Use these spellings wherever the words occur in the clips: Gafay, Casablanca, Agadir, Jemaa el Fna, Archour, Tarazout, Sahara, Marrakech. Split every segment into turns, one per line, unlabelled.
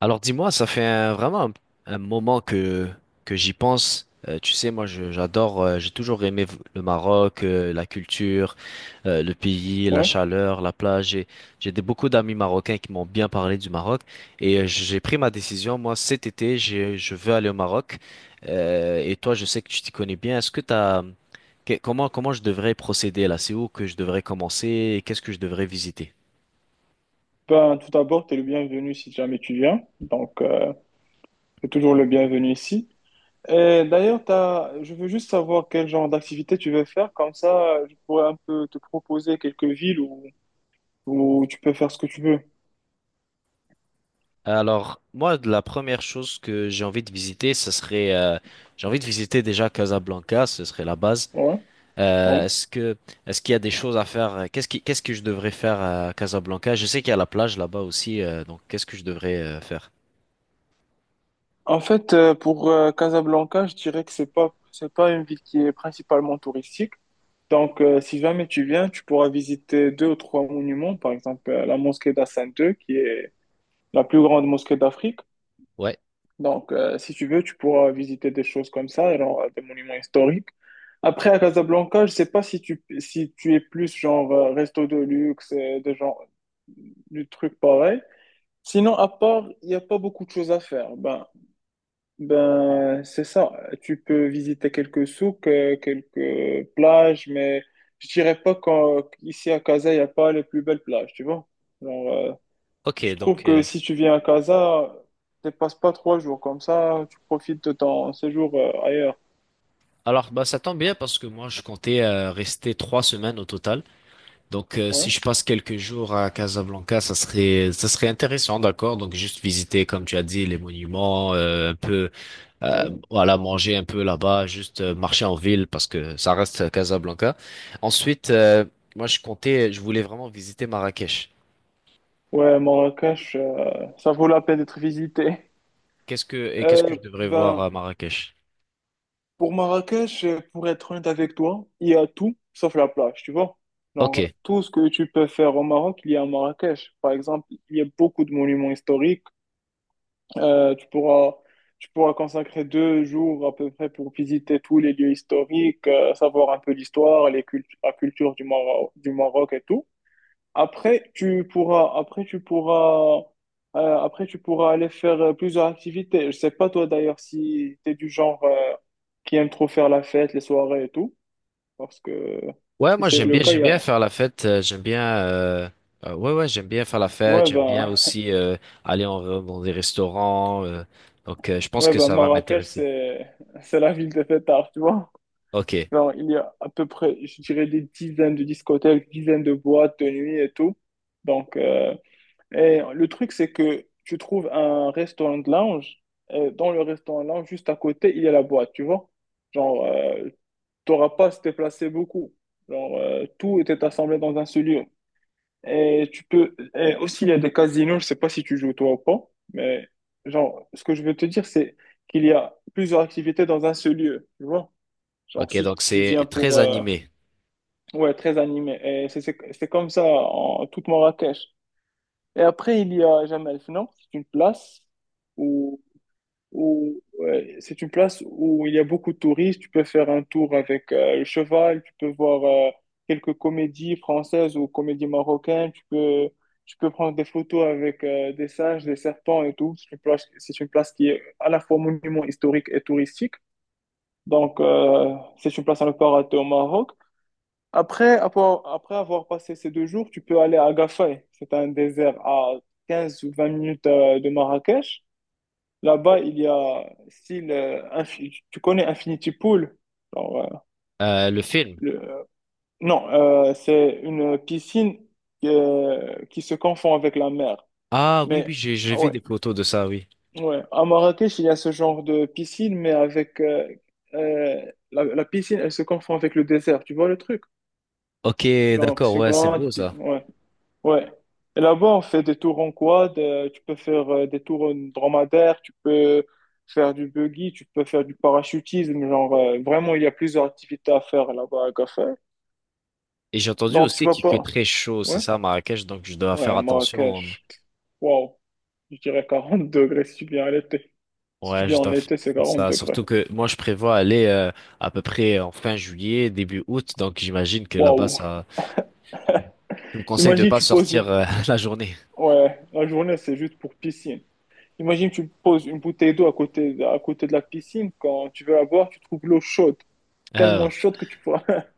Alors dis-moi, ça fait vraiment un moment que j'y pense. Tu sais, moi j'adore, j'ai toujours aimé le Maroc, la culture, le pays, la
Ouais.
chaleur, la plage. J'ai beaucoup d'amis marocains qui m'ont bien parlé du Maroc et j'ai pris ma décision. Moi cet été, je veux aller au Maroc. Et toi, je sais que tu t'y connais bien. Est-ce que t'as, que- Comment, comment je devrais procéder là? C'est où que je devrais commencer et qu'est-ce que je devrais visiter?
Ben, tout d'abord, tu es le bienvenu si jamais tu viens. Donc, tu es toujours le bienvenu ici. Et d'ailleurs, je veux juste savoir quel genre d'activité tu veux faire. Comme ça, je pourrais un peu te proposer quelques villes où tu peux faire ce que tu veux.
Alors, moi, de la première chose que j'ai envie de visiter, ce serait, j'ai envie de visiter déjà Casablanca, ce serait la base.
Ouais, ouais.
Euh, est-ce que, Est-ce qu'il y a des choses à faire? Qu'est-ce que je devrais faire à Casablanca? Je sais qu'il y a la plage là-bas aussi, donc qu'est-ce que je devrais faire?
En fait, pour Casablanca, je dirais que c'est pas une ville qui est principalement touristique. Donc, si jamais tu viens, tu pourras visiter deux ou trois monuments. Par exemple, la mosquée d'Hassan II, qui est la plus grande mosquée d'Afrique.
Ouais.
Donc, si tu veux, tu pourras visiter des choses comme ça, genre des monuments historiques. Après, à Casablanca, je sais pas si si tu es plus genre resto de luxe, de genre du truc pareil. Sinon, à part, il n'y a pas beaucoup de choses à faire. Ben, c'est ça. Tu peux visiter quelques souks, quelques plages, mais je dirais pas qu'ici à Casa, il n'y a pas les plus belles plages, tu vois. Genre, euh,
Ok,
je
donc,
trouve que si tu viens à Casa, tu passes pas trois jours comme ça, tu profites de ton séjour ailleurs.
alors, bah, ça tombe bien parce que moi, je comptais rester 3 semaines au total. Donc, si
Ouais,
je passe quelques jours à Casablanca, ça serait intéressant, d'accord? Donc, juste visiter, comme tu as dit, les monuments, un peu,
ouais.
voilà, manger un peu là-bas, juste marcher en ville parce que ça reste Casablanca. Ensuite, moi, je voulais vraiment visiter Marrakech.
Ouais, Marrakech, ça vaut la peine d'être visité.
Qu'est-ce que
Euh,
je devrais voir
ben,
à Marrakech?
pour Marrakech, pour être honnête avec toi, il y a tout sauf la plage, tu vois. Genre,
Ok.
tout ce que tu peux faire au Maroc, il y a à Marrakech. Par exemple, il y a beaucoup de monuments historiques. Euh, tu pourras, Tu pourras consacrer deux jours à peu près pour visiter tous les lieux historiques, savoir un peu l'histoire, la culture du Maroc, et tout. Après, tu pourras, après, tu pourras, après, tu pourras aller faire plusieurs activités. Je sais pas toi d'ailleurs si tu es du genre qui aime trop faire la fête, les soirées et tout, parce que
Ouais,
si
moi
c'est le cas,
j'aime
il y
bien
a...
faire la fête, j'aime bien, ouais ouais, j'aime bien faire la fête,
Ouais,
j'aime bien
ben,
aussi aller dans des restaurants, donc je pense
ouais,
que
ben
ça va
Marrakech,
m'intéresser.
c'est, c'est la ville des fêtards, tu vois.
Ok,
Genre, il y a à peu près, je dirais, des dizaines de discothèques, dizaines de boîtes de nuit et tout. Donc, et le truc, c'est que tu trouves un restaurant de lounge. Et dans le restaurant de lounge, juste à côté, il y a la boîte, tu vois. Genre, euh, T'auras pas à se déplacer beaucoup. Tout était assemblé dans un seul lieu. Et tu peux. Et aussi, il y a des casinos, je sais pas si tu joues toi ou pas. Mais, genre, ce que je veux te dire, c'est qu'il y a plusieurs activités dans un seul lieu, tu vois. Genre,
ok,
si
donc
tu viens
c'est
pour.
très animé.
Ouais, très animé. Et c'est comme ça en toute Marrakech. Et après, il y a Jemaa el Fna. C'est une place où, où ouais, c'est une place où il y a beaucoup de touristes. Tu peux faire un tour avec le cheval. Tu peux voir quelques comédies françaises ou comédies marocaines. Tu peux prendre des photos avec des singes, des serpents et tout. C'est une place qui est à la fois monument historique et touristique. Donc, c'est une place à ne pas rater au Maroc. Après avoir passé ces deux jours, tu peux aller à Gafay. C'est un désert à 15 ou 20 minutes de Marrakech. Là-bas, il y a style, tu connais Infinity Pool? Genre, euh,
Le film.
le- euh, non, c'est une piscine qui se confond avec la mer.
Ah oui oui,
Mais
j'ai
ah
vu
ouais,
des photos de ça, oui.
ouais. À Marrakech, il y a ce genre de piscine, mais avec euh, la piscine, elle se confond avec le désert. Tu vois le truc?
Ok,
Genre,
d'accord,
c'est
ouais, c'est
grand.
beau ça.
Ouais. Ouais. Et là-bas, on fait des tours en quad, tu peux faire des tours en dromadaire, tu peux faire du buggy, tu peux faire du parachutisme. Vraiment, il y a plusieurs activités à faire là-bas à Gaffer.
Et j'ai entendu
Donc, tu
aussi
vas
qu'il fait
pas.
très chaud, c'est
Ouais?
ça, à Marrakech, donc je dois faire
Ouais,
attention.
Marrakech. Waouh. Je dirais 40 degrés si tu viens à l'été. Si tu
Ouais,
viens
je
en
dois faire
été, c'est 40
ça,
degrés.
surtout que moi je prévois aller à peu près en fin juillet, début août, donc j'imagine que là-bas
Waouh.
ça. Tu me conseilles de
Imagine,
pas
tu poses
sortir
une.
la journée.
Ouais, la journée, c'est juste pour piscine. Imagine, tu poses une bouteille d'eau à côté de la piscine. Quand tu veux la boire, tu trouves l'eau chaude.
Euh,
Tellement chaude que tu pourras.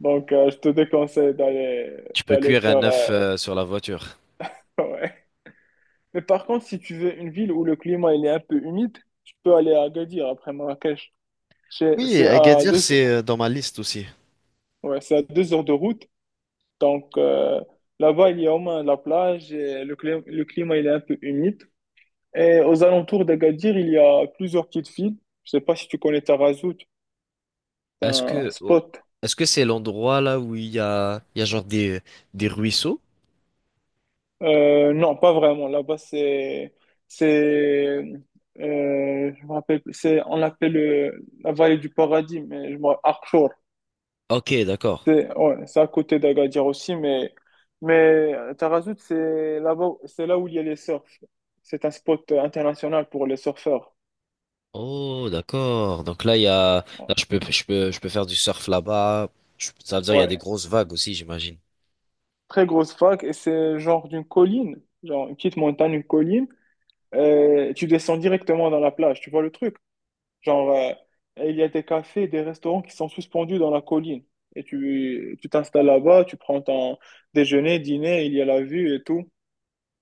Donc, je te déconseille d'aller
Tu peux
d'aller
cuire
faire.
un œuf sur la voiture.
Ouais. Mais par contre, si tu veux une ville où le climat il est un peu humide, tu peux aller à Agadir après Marrakech. C'est
Oui,
c'est à
Agadir,
deux,
c'est dans ma liste aussi.
ouais, c'est à deux heures de route. Donc, là-bas, il y a au moins la plage et le climat il est un peu humide. Et aux alentours d'Agadir, il y a plusieurs petites villes. Je sais pas si tu connais Tarazout, c'est
Est-ce
un
que oh,
spot.
Est-ce que c'est l'endroit là où il y a genre des ruisseaux?
Non, pas vraiment. C'est, euh, je me rappelle plus. C'est, on l'appelle la vallée du paradis, mais je me Archour.
Ok, d'accord.
C'est, ouais, c'est à côté d'Agadir aussi, mais Tarazout, c'est là-bas, c'est là où il y a les surfs. C'est un spot international pour les surfeurs.
Oh, d'accord. Donc là, il y a,
Ouais,
là, je peux faire du surf là-bas. Ça veut dire il y a des
Ouais.
grosses vagues aussi, j'imagine.
Très grosse fac et c'est genre d'une colline, genre une petite montagne, une colline. Tu descends directement dans la plage, tu vois le truc? Genre, euh, il y a des cafés, des restaurants qui sont suspendus dans la colline. Et tu t'installes là-bas, tu prends ton déjeuner, dîner, il y a la vue et tout.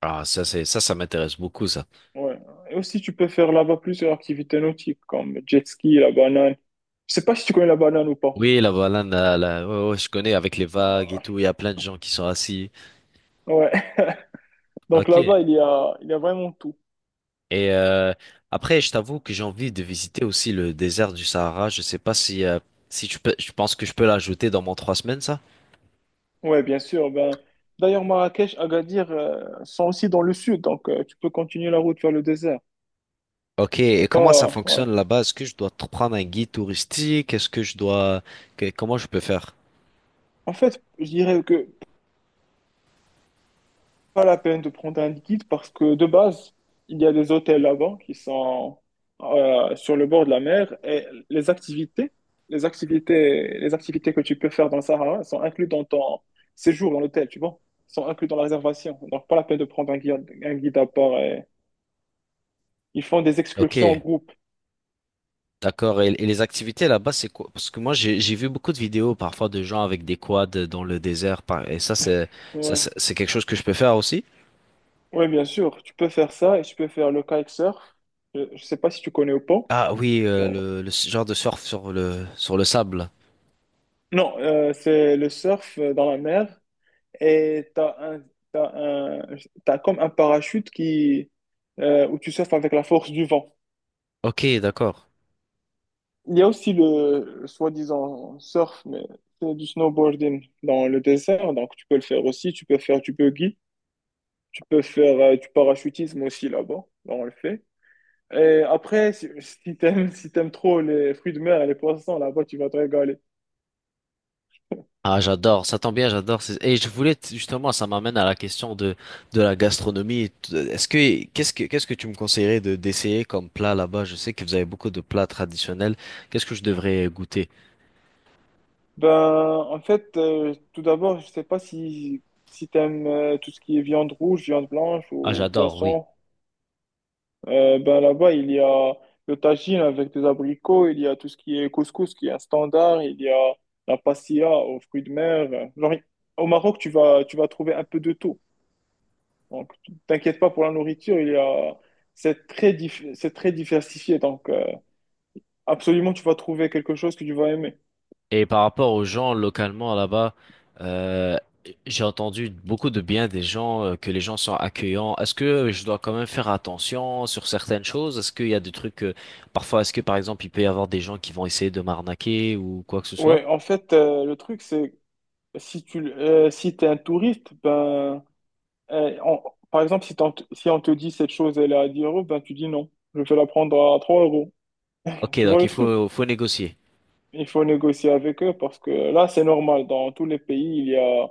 Ah, ça, c'est, ça m'intéresse beaucoup, ça.
Ouais. Et aussi, tu peux faire là-bas plusieurs activités nautiques, comme jet ski, la banane. Je sais pas si tu connais la banane ou pas.
Oui, la banane, là, là, ouais, ouais, je connais avec les vagues et
Ah,
tout. Il y a plein de gens qui sont assis.
ouais. Donc
Ok.
là-bas, il y a vraiment tout.
Et après, je t'avoue que j'ai envie de visiter aussi le désert du Sahara. Je sais pas si tu peux, je pense que je peux l'ajouter dans mon 3 semaines, ça.
Ouais, bien sûr. Ben, d'ailleurs, Marrakech, Agadir, sont aussi dans le sud, donc tu peux continuer la route vers le désert.
Ok.
C'est
Et comment ça
pas,
fonctionne
Ouais.
là-bas? Est-ce que je dois prendre un guide touristique? Est-ce que je dois, que- Comment je peux faire?
En fait, je dirais que pas la peine de prendre un liquide parce que de base, il y a des hôtels là-bas qui sont sur le bord de la mer et les activités que tu peux faire dans le Sahara elles sont incluses dans ton séjour dans l'hôtel, tu vois. Elles sont incluses dans la réservation. Donc pas la peine de prendre un guide à part. Et ils font des
Ok.
excursions en groupe.
D'accord. Et les activités là-bas, c'est quoi? Parce que moi, j'ai vu beaucoup de vidéos parfois de gens avec des quads dans le désert. Et ça, c'est ça,
Ouais.
c'est quelque chose que je peux faire aussi.
Ouais, bien sûr, tu peux faire ça et tu peux faire le kitesurf. Je sais pas si tu connais ou pas.
Ah oui,
Non,
le genre de surf sur le sable.
non, C'est le surf dans la mer. Et t'as un- t'as comme un parachute où tu surfes avec la force du vent.
Ok, d'accord.
Il y a aussi le soi-disant surf, mais c'est du snowboarding dans le désert, donc tu peux le faire aussi, tu peux faire du buggy, tu peux faire du parachutisme aussi là-bas, là on le fait. Et après, si t'aimes, si t'aimes trop les fruits de mer et les poissons, là-bas, tu vas te régaler.
Ah, j'adore, ça tombe bien, j'adore. Et je voulais justement, ça m'amène à la question de la gastronomie. T- Est-ce que qu'est-ce que qu'est-ce que tu me conseillerais de d'essayer comme plat là-bas? Je sais que vous avez beaucoup de plats traditionnels. Qu'est-ce que je devrais goûter?
Ben, en fait, tout d'abord, je sais pas si, si t'aimes tout ce qui est viande rouge, viande blanche
Ah,
ou
j'adore, oui.
poisson. Ben là-bas, il y a le tagine avec des abricots, il y a tout ce qui est couscous qui est un standard, il y a la pastilla aux fruits de mer. Genre, au Maroc, tu vas trouver un peu de tout. Donc, t'inquiète pas pour la nourriture, c'est très, c'est très diversifié. Donc, absolument, tu vas trouver quelque chose que tu vas aimer.
Et par rapport aux gens localement là-bas, euh, j'ai entendu beaucoup de bien des gens, que les gens sont accueillants. Est-ce que je dois quand même faire attention sur certaines choses? Est-ce qu'il y a des trucs, parfois, est-ce que par exemple, il peut y avoir des gens qui vont essayer de m'arnaquer ou quoi que ce soit?
Ouais, en fait, le truc, c'est si si t'es un touriste, ben, euh, on- par exemple, si on te dit cette chose, elle est à 10 euros, ben tu dis non, je vais la prendre à 3 euros.
Ok,
Tu vois
donc
le
il
truc?
faut, faut négocier.
Il faut négocier avec eux parce que là, c'est normal. Dans tous les pays,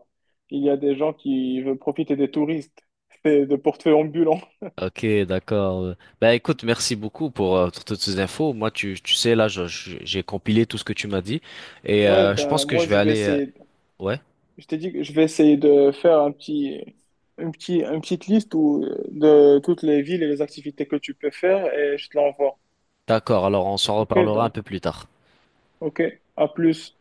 il y a des gens qui veulent profiter des touristes. C'est de portefeuille ambulant.
Ok, d'accord. Ben écoute, merci beaucoup pour toutes ces infos. Moi, tu sais, là, j'ai compilé tout ce que tu m'as dit et
Ouais,
euh, je pense
ben
que je
moi,
vais
je vais
aller.
essayer,
Ouais,
je t'ai dit que je vais essayer de faire une petite liste de toutes les villes et les activités que tu peux faire et je te l'envoie.
d'accord. Alors, on s'en
Ok,
reparlera un
donc.
peu plus tard.
Ok, à plus.